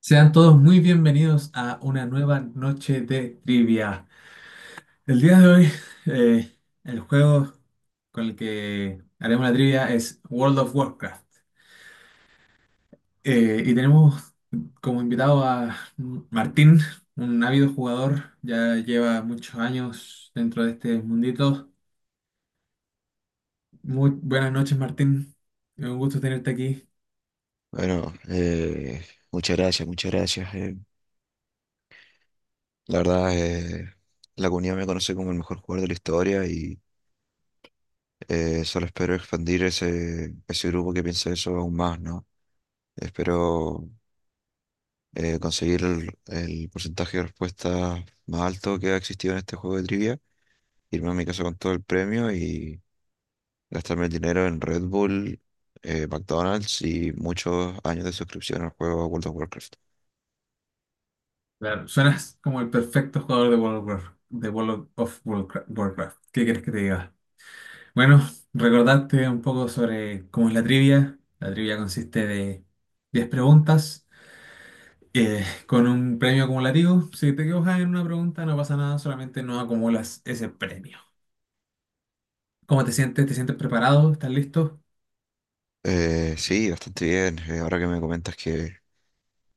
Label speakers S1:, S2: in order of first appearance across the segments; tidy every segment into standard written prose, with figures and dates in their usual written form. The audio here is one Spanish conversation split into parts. S1: Sean todos muy bienvenidos a una nueva noche de trivia. El día de hoy, eh, el juego con el que haremos la trivia es World of Warcraft. Y tenemos como invitado a Martín, un ávido jugador, ya lleva muchos años dentro de este mundito. Muy buenas noches, Martín. Un gusto tenerte aquí.
S2: Bueno, eh, muchas gracias, muchas gracias. La verdad, la comunidad me conoce como el mejor jugador de la historia y solo espero expandir ese grupo que piensa eso aún más, ¿no? Espero conseguir el porcentaje de respuesta más alto que ha existido en este juego de trivia, irme a mi casa con todo el premio y gastarme el dinero en Red Bull, McDonald's y muchos años de suscripción al juego World of Warcraft.
S1: Claro, suenas como el perfecto jugador de World of Warcraft. De World of Warcraft. ¿Qué quieres que te diga? Bueno, recordarte un poco sobre cómo es la trivia. La trivia consiste de 10 preguntas con un premio acumulativo. Si te equivocas en una pregunta, no pasa nada, solamente no acumulas ese premio. ¿Cómo te sientes? ¿Te sientes preparado? ¿Estás listo?
S2: Sí, bastante bien. Ahora que me comentas que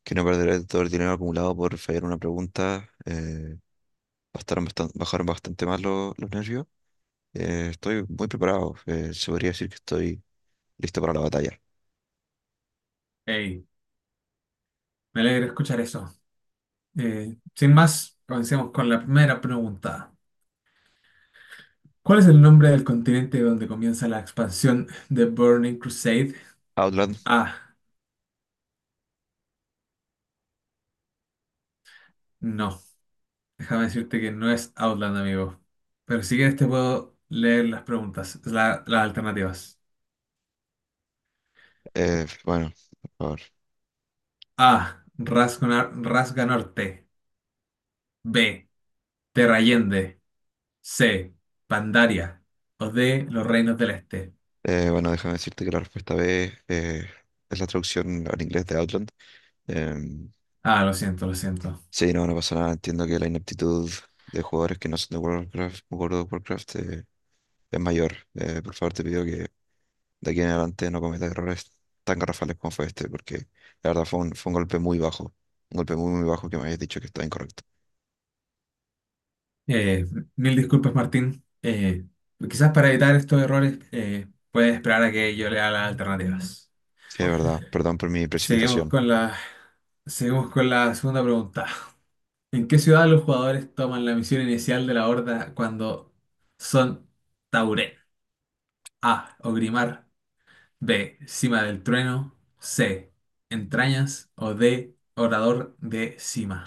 S2: que no perderé todo el dinero acumulado por fallar una pregunta, bajaron bastante más los nervios. Estoy muy preparado. Se podría decir que estoy listo para la batalla.
S1: Hey, me alegra escuchar eso. Sin más, comencemos con la primera pregunta. ¿Cuál es el nombre del continente donde comienza la expansión de Burning Crusade?
S2: Outland.
S1: A. No. Déjame decirte que no es Outland, amigo. Pero si quieres te puedo leer las preguntas, las alternativas.
S2: Bueno, por favor.
S1: A. Rasga, Rasga Norte. B. Terrallende. C. Pandaria. O D. Los Reinos del Este.
S2: Bueno, déjame decirte que la respuesta B es la traducción al inglés de Outland. Em,
S1: Ah, lo siento, lo siento.
S2: sí, no, no pasa nada. Entiendo que la inaptitud de jugadores que no son de World of Warcraft es mayor. Por favor, te pido que de aquí en adelante no cometa errores tan garrafales como fue este, porque la verdad fue fue un golpe muy bajo, un golpe muy, muy bajo que me habías dicho que estaba incorrecto.
S1: Eh, mil disculpas, Martín. Quizás para evitar estos errores, puedes esperar a que yo lea las alternativas.
S2: Sí, es verdad, perdón por mi
S1: Seguimos
S2: precipitación.
S1: con la, seguimos con la segunda pregunta. ¿En qué ciudad los jugadores toman la misión inicial de la Horda cuando son Tauren? A. Ogrimar. B. Cima del Trueno. C. Entrañas. O D. Orador de Cima.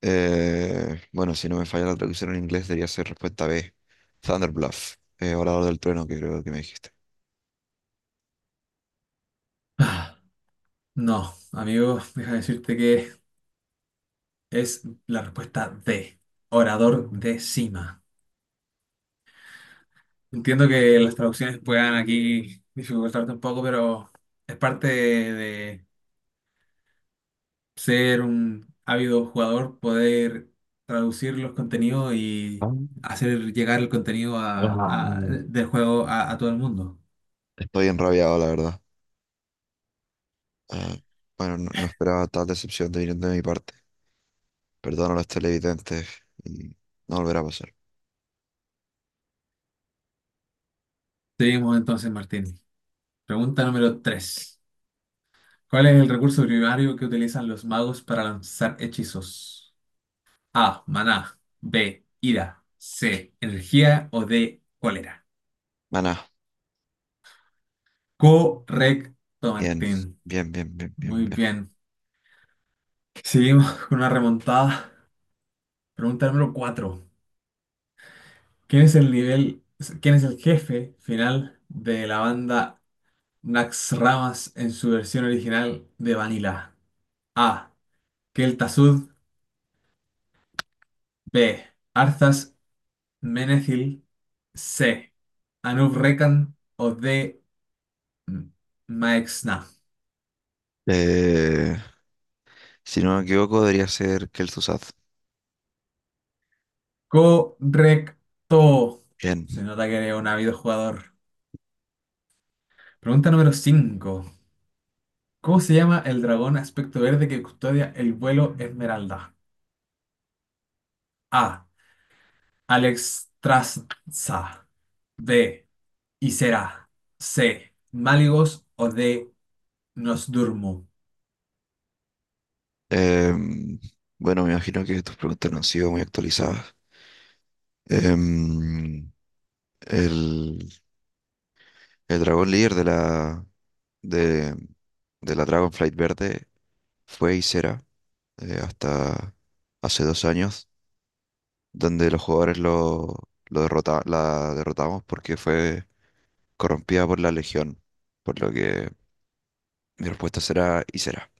S2: Bueno, si no me falla la traducción en inglés, debería ser respuesta B, Thunder Bluff, Orador del Trueno, que creo que me dijiste.
S1: Ah, no, amigo, deja decirte que es la respuesta D. Orador de Cima. Entiendo que las traducciones puedan aquí dificultarte un poco, pero es parte de ser un ávido jugador, poder traducir los contenidos
S2: Ah,
S1: y hacer llegar el contenido
S2: ah.
S1: del juego a todo el mundo.
S2: Estoy enrabiado, la verdad. Ah, bueno, no, no esperaba tal decepción de viniendo de mi parte. Perdono a los televidentes y no volverá a pasar.
S1: Seguimos entonces, Martín. Pregunta número tres. ¿Cuál es el recurso primario que utilizan los magos para lanzar hechizos? A. Maná. B. Ira. C. Energía. O D. Cólera.
S2: Maná.
S1: Correcto,
S2: Bien,
S1: Martín.
S2: bien, bien, bien, bien,
S1: Muy
S2: bien.
S1: bien. Seguimos con una remontada. Pregunta número cuatro. ¿Quién es el nivel, quién es el jefe final de la banda Nax Ramas en su versión original de Vanilla? A. Keltasud. B. Arthas Menethil. C. Anub Rekan. O D. M- Maexna.
S2: Eh, si no me equivoco, debería ser Kel'Thuzad.
S1: Correcto.
S2: Bien.
S1: Se nota que eres un ávido jugador. Pregunta número 5. ¿Cómo se llama el dragón aspecto verde que custodia el vuelo Esmeralda? A. Alex Traza. B. Isera. C. Máligos. O D. Nos Durmo.
S2: Em, bueno, me imagino que tus preguntas no han sido muy actualizadas. Em, el, el dragón líder de de, de la Dragonflight Verde fue y será hasta hace 2 años, donde los jugadores la derrotamos porque fue corrompida por la Legión, por lo que mi respuesta será y será.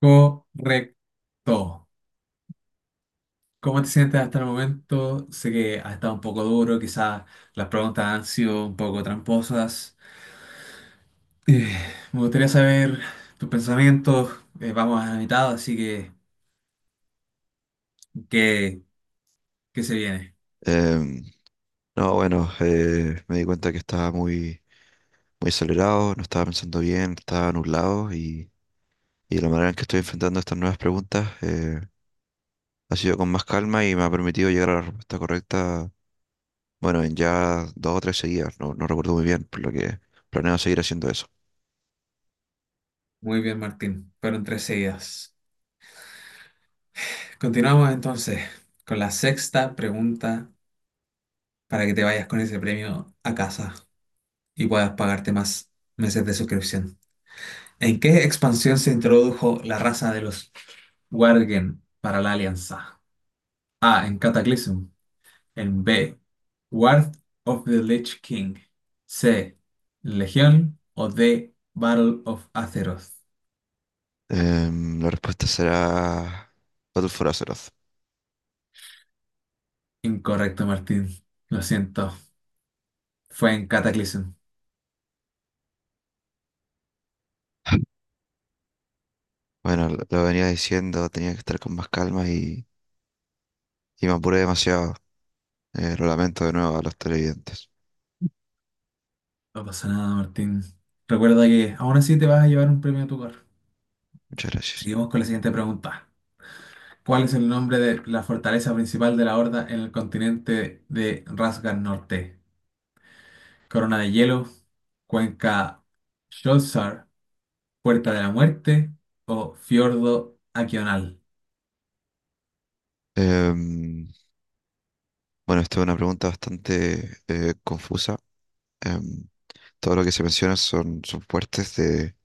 S1: Correcto. ¿Cómo te sientes hasta el momento? Sé que ha estado un poco duro, quizás las preguntas han sido un poco tramposas. Eh, me gustaría saber tus pensamientos. Vamos a la mitad, así que ¿qué, qué se viene?
S2: No, bueno, me di cuenta que estaba muy, muy acelerado, no estaba pensando bien, estaba nublado y la manera en que estoy enfrentando estas nuevas preguntas ha sido con más calma y me ha permitido llegar a la respuesta correcta, bueno, en ya dos o tres seguidas, no, no recuerdo muy bien, por lo que planeo seguir haciendo eso.
S1: Muy bien, Martín. Fueron tres seguidas. Continuamos entonces con la sexta pregunta para que te vayas con ese premio a casa y puedas pagarte más meses de suscripción. ¿En qué expansión se introdujo la raza de los Worgen para la Alianza? A. En Cataclysm. En B. Wrath of the Lich King. C. Legión. O D. Battle of Azeroth.
S2: La respuesta será Battle for Azeroth.
S1: Incorrecto, Martín. Lo siento. Fue en Cataclysm.
S2: Bueno, lo venía diciendo, tenía que estar con más calma y me apuré demasiado. Lo lamento de nuevo a los televidentes.
S1: No pasa nada, Martín. Recuerda que aún así te vas a llevar un premio a tu cor.
S2: Muchas gracias.
S1: Seguimos con la siguiente pregunta. ¿Cuál es el nombre de la fortaleza principal de la Horda en el continente de Rasgar Norte? ¿Corona de Hielo, Cuenca Sholzar, Puerta de la Muerte o Fiordo Aquional?
S2: Em, Bueno, esta es una pregunta bastante confusa. Em, todo lo que se menciona son fuertes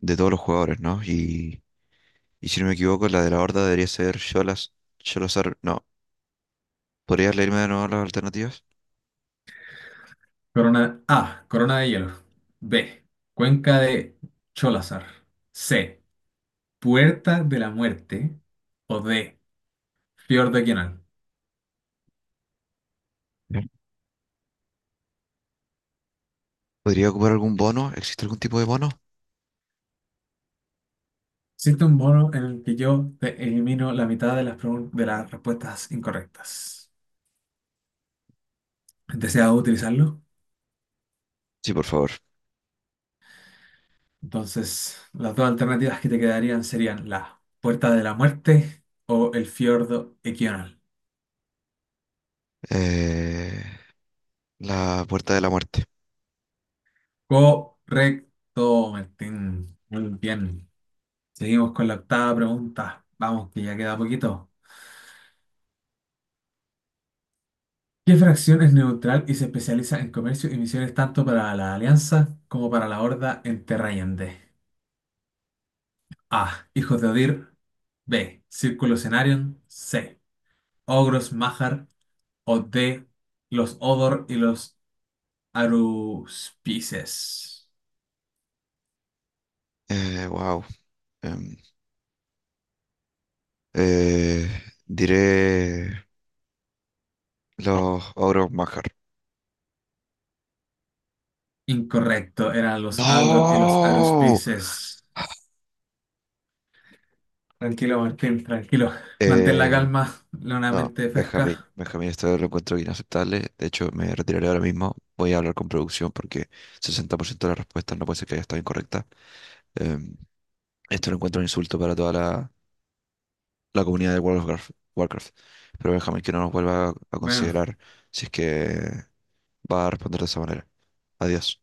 S2: de todos los jugadores, ¿no? Y si no me equivoco, la de la Horda debería ser Sholazar. No, ¿podrías leerme de nuevo las alternativas?
S1: Corona A. Corona de Hielo. B. Cuenca de Cholazar. C. Puerta de la Muerte. O D. Fiordo Aquional.
S2: Bien. ¿Podría ocupar algún bono? ¿Existe algún tipo de bono?
S1: Existe un bono en el que yo te elimino la mitad de las respuestas incorrectas. ¿Deseas utilizarlo?
S2: Sí, por favor.
S1: Entonces, las dos alternativas que te quedarían serían la Puerta de la Muerte o el Fiordo Equional.
S2: Eh, la Puerta de la Muerte.
S1: Correcto, Martín. Muy bien. Seguimos con la octava pregunta. Vamos, que ya queda poquito. ¿Qué fracción es neutral y se especializa en comercio y misiones tanto para la Alianza como para la Horda en Terra Allende? A. Hijos de Odir. B. Círculo Cenarion. C. Ogros Mahar. O D. Los Odor y los Aruspices.
S2: Wow. Em, eh, diré los ogros Majar.
S1: Incorrecto, eran los Aldor y los
S2: ¡No!
S1: Aruspices. Tranquilo, Martín, tranquilo. Mantén la
S2: Eh,
S1: calma, la una
S2: no,
S1: mente
S2: Benjamín,
S1: fresca.
S2: Benjamín, esto lo encuentro inaceptable. De hecho, me retiraré ahora mismo. Voy a hablar con producción porque 60% de las respuestas no puede ser que haya estado incorrecta. Em, esto lo encuentro un insulto para toda la, la comunidad de World of Warcraft, Warcraft. Pero Benjamín, que no nos vuelva a
S1: Bueno.
S2: considerar si es que va a responder de esa manera. Adiós.